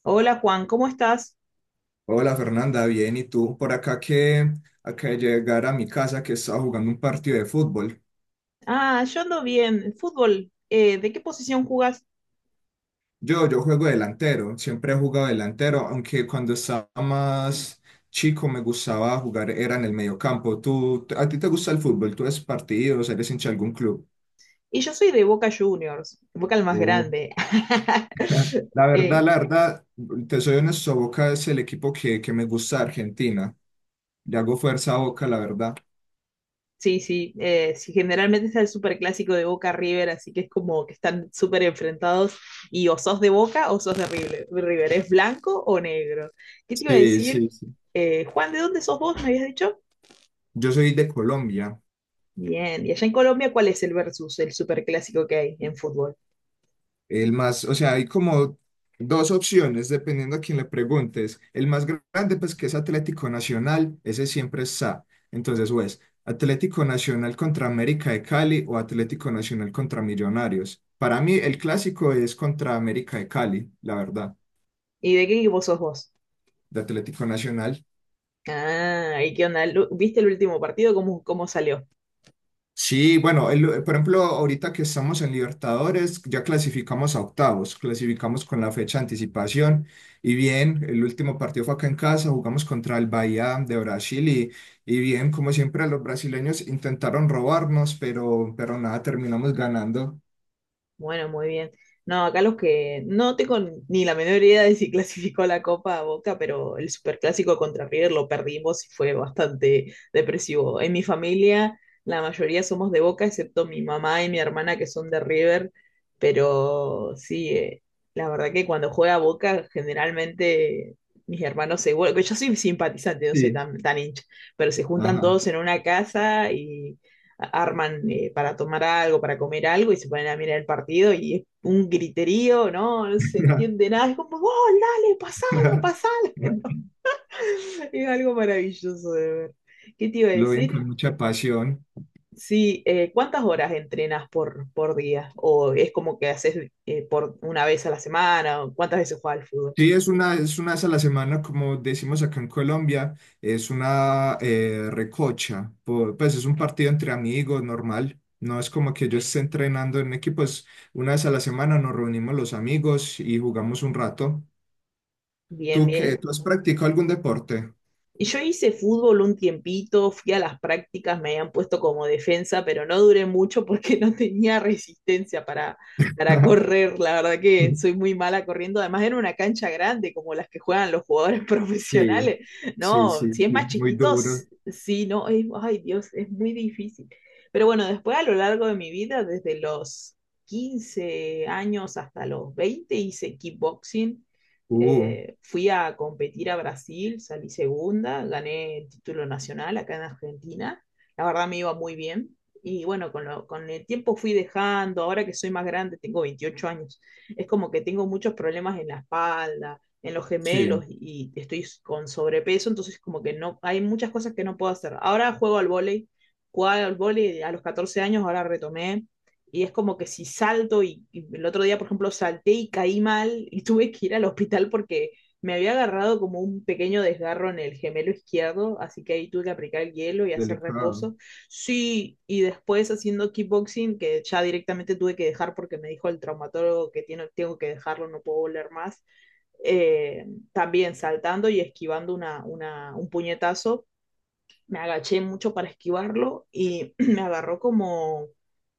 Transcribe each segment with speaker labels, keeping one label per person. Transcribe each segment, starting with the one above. Speaker 1: Hola Juan, ¿cómo estás?
Speaker 2: Hola Fernanda, bien, ¿y tú? Por acá que acá de llegar a mi casa que estaba jugando un partido de fútbol.
Speaker 1: Ah, yo ando bien. Fútbol, ¿de qué posición jugas?
Speaker 2: Yo juego delantero, siempre he jugado delantero, aunque cuando estaba más chico me gustaba jugar, era en el mediocampo. ¿Tú, a ti te gusta el fútbol? ¿Tú ves partidos? ¿Eres hincha de algún club?
Speaker 1: Y yo soy de Boca Juniors, Boca el más
Speaker 2: Oh,
Speaker 1: grande.
Speaker 2: la verdad,
Speaker 1: Eh,
Speaker 2: la verdad, te soy honesto, Boca es el equipo que me gusta de Argentina. Le hago fuerza a Boca, la verdad.
Speaker 1: sí, sí, sí, generalmente está el superclásico de Boca River, así que es como que están súper enfrentados y o sos de Boca o sos de River. River, ¿es blanco o negro? ¿Qué te iba a
Speaker 2: Sí,
Speaker 1: decir?
Speaker 2: sí, sí.
Speaker 1: Juan, ¿de dónde sos vos? ¿Me habías dicho?
Speaker 2: Yo soy de Colombia.
Speaker 1: Bien, y allá en Colombia, ¿cuál es el versus, el superclásico que hay en fútbol?
Speaker 2: El más, o sea, hay como dos opciones dependiendo a quién le preguntes. El más grande, pues que es Atlético Nacional, ese siempre está. Entonces, o es Atlético Nacional contra América de Cali o Atlético Nacional contra Millonarios. Para mí, el clásico es contra América de Cali, la verdad,
Speaker 1: ¿Y de qué equipo sos vos?
Speaker 2: de Atlético Nacional.
Speaker 1: Ah, ¿y qué onda? ¿Viste el último partido? ¿Cómo salió?
Speaker 2: Sí, bueno, por ejemplo, ahorita que estamos en Libertadores, ya clasificamos a octavos, clasificamos con la fecha de anticipación y bien, el último partido fue acá en casa, jugamos contra el Bahía de Brasil y bien, como siempre, los brasileños intentaron robarnos, pero nada, terminamos ganando.
Speaker 1: Bueno, muy bien. No, acá los que no tengo ni la menor idea de si clasificó la Copa a Boca, pero el Superclásico contra River lo perdimos y fue bastante depresivo. En mi familia, la mayoría somos de Boca, excepto mi mamá y mi hermana que son de River, pero sí, la verdad que cuando juega Boca, generalmente mis hermanos se vuelven, yo soy simpatizante, no soy
Speaker 2: Sí.
Speaker 1: tan, tan hincha, pero se juntan
Speaker 2: Ajá.
Speaker 1: todos en una casa y arman para tomar algo, para comer algo y se ponen a mirar el partido y es un griterío, ¿no? No se entiende nada, es como, ¡oh, dale, pasala, pasala! ¿no? Es algo maravilloso de ver. ¿Qué te iba a
Speaker 2: Lo ven con
Speaker 1: decir?
Speaker 2: mucha pasión.
Speaker 1: Sí, ¿cuántas horas entrenas por día? ¿O es como que haces por una vez a la semana? ¿O cuántas veces juegas al fútbol?
Speaker 2: Sí, es una vez a la semana, como decimos acá en Colombia, es una recocha, pues es un partido entre amigos normal, no es como que yo esté entrenando en equipo, es una vez a la semana nos reunimos los amigos y jugamos un rato.
Speaker 1: Bien,
Speaker 2: ¿Tú qué?
Speaker 1: bien.
Speaker 2: ¿Tú has practicado algún deporte?
Speaker 1: Y yo hice fútbol un tiempito, fui a las prácticas, me habían puesto como defensa, pero no duré mucho porque no tenía resistencia para correr. La verdad que soy muy mala corriendo. Además era una cancha grande como las que juegan los jugadores
Speaker 2: Sí,
Speaker 1: profesionales.
Speaker 2: sí,
Speaker 1: No,
Speaker 2: sí,
Speaker 1: si es
Speaker 2: sí,
Speaker 1: más
Speaker 2: muy duro.
Speaker 1: chiquitos, sí, no, ay Dios, es muy difícil. Pero bueno, después a lo largo de mi vida, desde los 15 años hasta los 20, hice kickboxing
Speaker 2: Uh,
Speaker 1: fui a competir a Brasil, salí segunda, gané el título nacional acá en Argentina. La verdad me iba muy bien. Y bueno, con el tiempo fui dejando, ahora que soy más grande, tengo 28 años, es como que tengo muchos problemas en la espalda, en los gemelos
Speaker 2: sí,
Speaker 1: y estoy con sobrepeso, entonces como que no, hay muchas cosas que no puedo hacer. Ahora juego al vóley, jugaba al vóley a los 14 años, ahora retomé, y es como que si salto. El otro día, por ejemplo, salté y caí mal y tuve que ir al hospital porque me había agarrado como un pequeño desgarro en el gemelo izquierdo, así que ahí tuve que aplicar el hielo y hacer
Speaker 2: delicado.
Speaker 1: reposo. Sí, y después haciendo kickboxing, que ya directamente tuve que dejar porque me dijo el traumatólogo que tiene, tengo que dejarlo, no puedo volver más, eh, también saltando y esquivando un puñetazo me agaché mucho para esquivarlo y me agarró como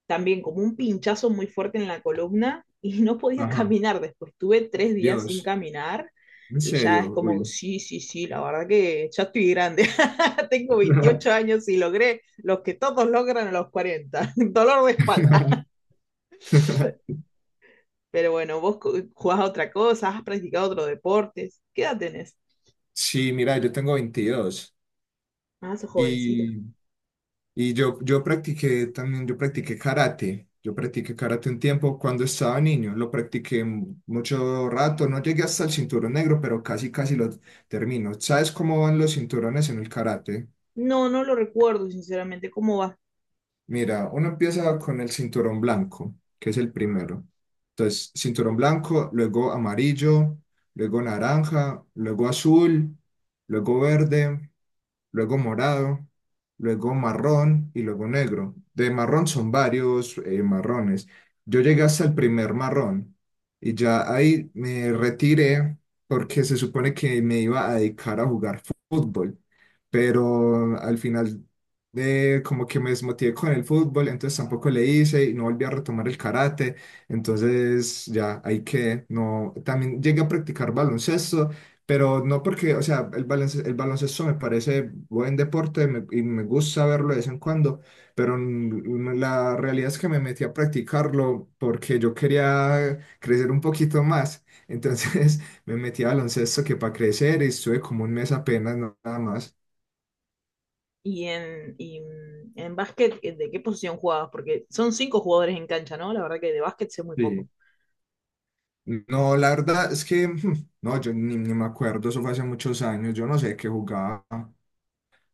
Speaker 1: también como un pinchazo muy fuerte en la columna y no podía
Speaker 2: Ajá,
Speaker 1: caminar después. Tuve 3 días sin
Speaker 2: Dios,
Speaker 1: caminar
Speaker 2: en
Speaker 1: y ya es
Speaker 2: serio,
Speaker 1: como,
Speaker 2: uy.
Speaker 1: sí, sí, sí, la verdad que ya estoy grande. Tengo 28 años y logré los que todos logran a los 40 dolor de espalda. Pero bueno, vos jugás a otra cosa, has practicado otro deporte. ¿Qué edad tenés?
Speaker 2: Sí, mira, yo tengo 22.
Speaker 1: Ah, sos jovencito.
Speaker 2: Y, y yo, yo practiqué también, yo practiqué karate. Yo practiqué karate un tiempo cuando estaba niño. Lo practiqué mucho rato. No llegué hasta el cinturón negro, pero casi, casi lo termino. ¿Sabes cómo van los cinturones en el karate?
Speaker 1: No, no lo recuerdo, sinceramente, cómo va.
Speaker 2: Mira, uno empieza con el cinturón blanco, que es el primero. Entonces, cinturón blanco, luego amarillo, luego naranja, luego azul, luego verde, luego morado, luego marrón y luego negro. De marrón son varios marrones. Yo llegué hasta el primer marrón y ya ahí me retiré porque se supone que me iba a dedicar a jugar fútbol, pero al final como que me desmotivé con el fútbol, entonces tampoco le hice y no volví a retomar el karate, entonces ya hay que, no, también llegué a practicar baloncesto, pero no porque, o sea, el baloncesto me parece buen deporte y me gusta verlo de vez en cuando, pero la realidad es que me metí a practicarlo porque yo quería crecer un poquito más. Entonces me metí a baloncesto que para crecer y estuve como un mes apenas nada más.
Speaker 1: En básquet, ¿de qué posición jugabas? Porque son cinco jugadores en cancha, ¿no? La verdad que de básquet sé muy
Speaker 2: Sí.
Speaker 1: poco.
Speaker 2: No, la verdad es que, no, yo ni me acuerdo, eso fue hace muchos años, yo no sé qué jugaba.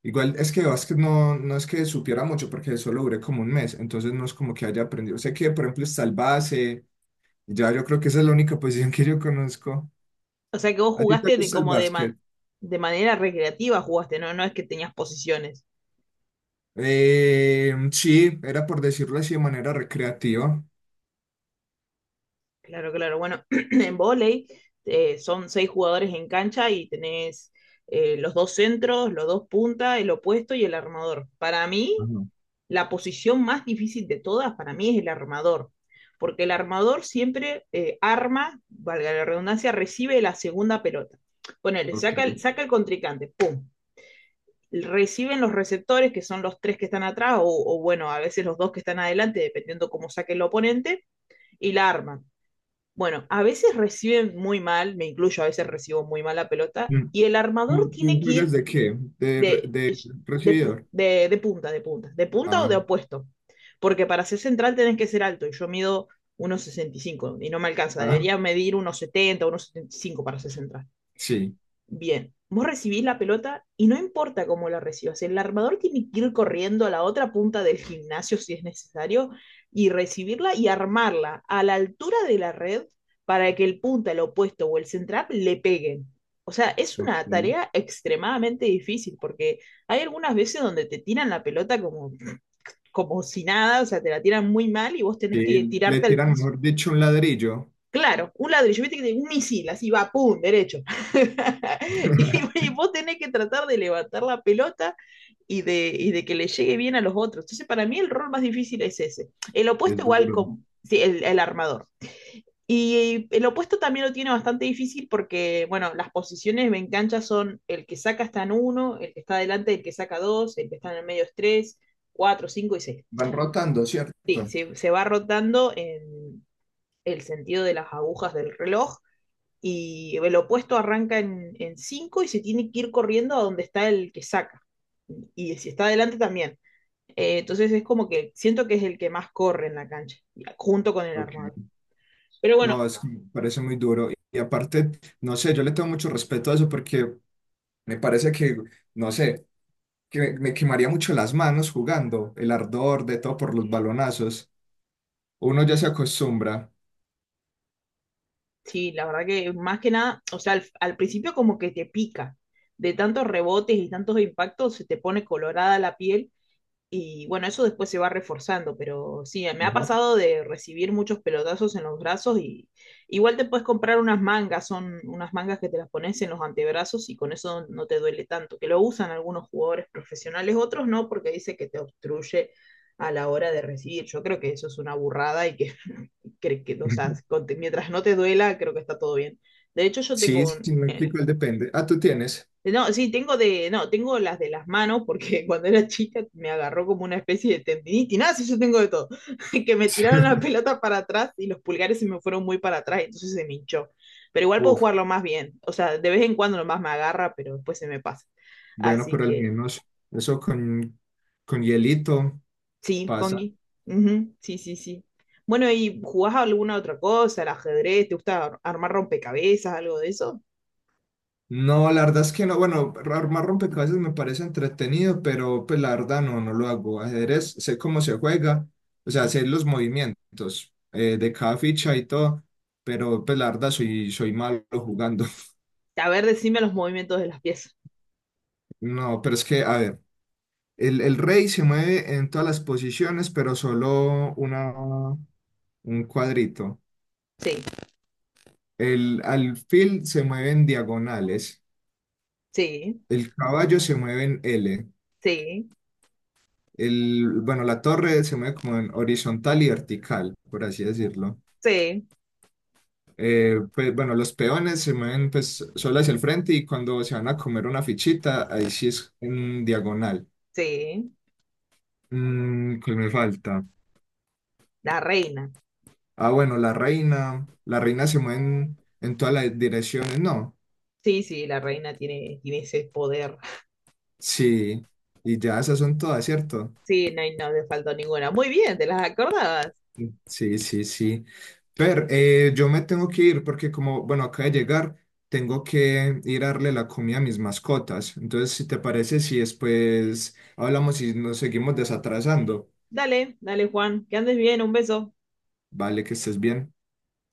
Speaker 2: Igual es que de básquet no, no es que supiera mucho porque solo duré como un mes, entonces no es como que haya aprendido. Sé que, por ejemplo, está el base, ya yo creo que esa es la única posición que yo conozco.
Speaker 1: O sea que vos
Speaker 2: ¿A ti te
Speaker 1: jugaste de
Speaker 2: gusta el
Speaker 1: como de, man-
Speaker 2: básquet?
Speaker 1: de manera recreativa jugaste, ¿no? No es que tenías posiciones.
Speaker 2: Sí, era por decirlo así de manera recreativa.
Speaker 1: Claro, claro. Bueno, en vóley son seis jugadores en cancha y tenés los dos centros, los dos puntas, el opuesto y el armador. Para mí,
Speaker 2: Ajá.
Speaker 1: la posición más difícil de todas para mí es el armador, porque el armador siempre arma, valga la redundancia, recibe la segunda pelota. Ponele, saca el,
Speaker 2: Ok.
Speaker 1: saca el contrincante, ¡pum! Reciben los receptores, que son los tres que están atrás, o bueno, a veces los dos que están adelante, dependiendo cómo saque el oponente, y la arman. Bueno, a veces reciben muy mal, me incluyo, a veces recibo muy mal la pelota,
Speaker 2: Mm.
Speaker 1: y el armador
Speaker 2: ¿Tú,
Speaker 1: tiene
Speaker 2: tú
Speaker 1: que
Speaker 2: juegas
Speaker 1: ir
Speaker 2: de qué? ¿De, re-
Speaker 1: de,
Speaker 2: de
Speaker 1: de,
Speaker 2: recibidor?
Speaker 1: de, de punta, o de
Speaker 2: Ah,
Speaker 1: opuesto. Porque para ser central tenés que ser alto y yo mido 1,65 y no me alcanza.
Speaker 2: ah,
Speaker 1: Debería medir 1,70 1,75 para ser central.
Speaker 2: sí,
Speaker 1: Bien, vos recibís la pelota y no importa cómo la recibas, el armador tiene que ir corriendo a la otra punta del gimnasio si es necesario y recibirla y armarla a la altura de la red para que el punta, el opuesto o el central le peguen. O sea, es una
Speaker 2: ok.
Speaker 1: tarea extremadamente difícil porque hay algunas veces donde te tiran la pelota como si nada, o sea, te la tiran muy mal y vos tenés que
Speaker 2: Sí, le
Speaker 1: tirarte al
Speaker 2: tiran,
Speaker 1: piso.
Speaker 2: mejor dicho, un ladrillo.
Speaker 1: Claro, un ladrillo, viste que tiene un misil, así va, pum, derecho. Y, y vos tenés que tratar de levantar la pelota y de que le llegue bien a los otros. Entonces, para mí el rol más difícil es ese. El opuesto
Speaker 2: Es
Speaker 1: igual
Speaker 2: duro.
Speaker 1: con sí, el armador. Y el opuesto también lo tiene bastante difícil porque, bueno, las posiciones en cancha son el que saca está en uno, el que está adelante, el que saca dos, el que está en el medio es tres, cuatro, cinco y seis.
Speaker 2: Van rotando,
Speaker 1: Sí,
Speaker 2: ¿cierto?
Speaker 1: se va rotando en el sentido de las agujas del reloj y el opuesto arranca en cinco y se tiene que ir corriendo a donde está el que saca. Y si está adelante también. Entonces es como que siento que es el que más corre en la cancha, junto con el
Speaker 2: Ok.
Speaker 1: armado. Pero bueno,
Speaker 2: No, es, me parece muy duro. Y aparte, no sé, yo le tengo mucho respeto a eso porque me parece que, no sé, que me quemaría mucho las manos jugando, el ardor de todo por los balonazos. Uno ya se acostumbra.
Speaker 1: sí, la verdad que más que nada, o sea, al principio como que te pica, de tantos rebotes y tantos impactos se te pone colorada la piel. Y bueno, eso después se va reforzando, pero sí, me ha
Speaker 2: Ajá.
Speaker 1: pasado de recibir muchos pelotazos en los brazos y igual te puedes comprar unas mangas, son unas mangas que te las pones en los antebrazos y con eso no te duele tanto, que lo usan algunos jugadores profesionales, otros no, porque dice que te obstruye a la hora de recibir. Yo creo que eso es una burrada y que, creo que, o sea, mientras no te duela, creo que está todo bien. De hecho, yo
Speaker 2: Sí,
Speaker 1: tengo un,
Speaker 2: sí, me explico, él depende. Ah, tú tienes.
Speaker 1: no, sí, tengo de, no, tengo las de las manos porque cuando era chica me agarró como una especie de tendinitis, nada, sí, yo tengo de todo, que me tiraron la pelota para atrás y los pulgares se me fueron muy para atrás, entonces se me hinchó. Pero igual puedo
Speaker 2: Uf,
Speaker 1: jugarlo más bien, o sea, de vez en cuando nomás me agarra, pero después se me pasa.
Speaker 2: bueno,
Speaker 1: Así
Speaker 2: pero al
Speaker 1: que,
Speaker 2: menos eso con hielito
Speaker 1: sí,
Speaker 2: pasa.
Speaker 1: Congi, Ujú, sí, sí, sí. Bueno, ¿y jugás a alguna otra cosa? ¿El ajedrez? ¿Te gusta armar rompecabezas, algo de eso?
Speaker 2: No, la verdad es que no. Bueno, armar rompecabezas me parece entretenido, pero pues la verdad no, no lo hago. Ajedrez, sé cómo se juega, o sea, sé los movimientos de cada ficha y todo, pero pues la verdad soy, soy malo jugando.
Speaker 1: A ver, decime los movimientos de las piezas.
Speaker 2: No, pero es que, a ver, el rey se mueve en todas las posiciones, pero solo una, un cuadrito.
Speaker 1: Sí,
Speaker 2: El alfil se mueve en diagonales,
Speaker 1: sí,
Speaker 2: el caballo se mueve en L.
Speaker 1: sí,
Speaker 2: El, bueno, la torre se mueve como en horizontal y vertical, por así decirlo.
Speaker 1: sí.
Speaker 2: Pues bueno, los peones se mueven pues solo hacia el frente y cuando se van a comer una fichita, ahí sí es en diagonal.
Speaker 1: Sí,
Speaker 2: ¿Qué me falta?
Speaker 1: la reina.
Speaker 2: Ah, bueno, la reina. La reina se mueve en todas las direcciones, ¿no?
Speaker 1: Sí, sí, la reina tiene ese poder.
Speaker 2: Sí. Y ya esas son todas, ¿cierto?
Speaker 1: Sí, no, no le faltó ninguna. Muy bien, te las acordabas.
Speaker 2: Sí, sí, sí. Pero yo me tengo que ir porque como, bueno, acaba de llegar, tengo que ir a darle la comida a mis mascotas. Entonces, si te parece, si después hablamos y nos seguimos desatrasando,
Speaker 1: Dale, dale, Juan, que andes bien, un beso.
Speaker 2: vale, que estés bien.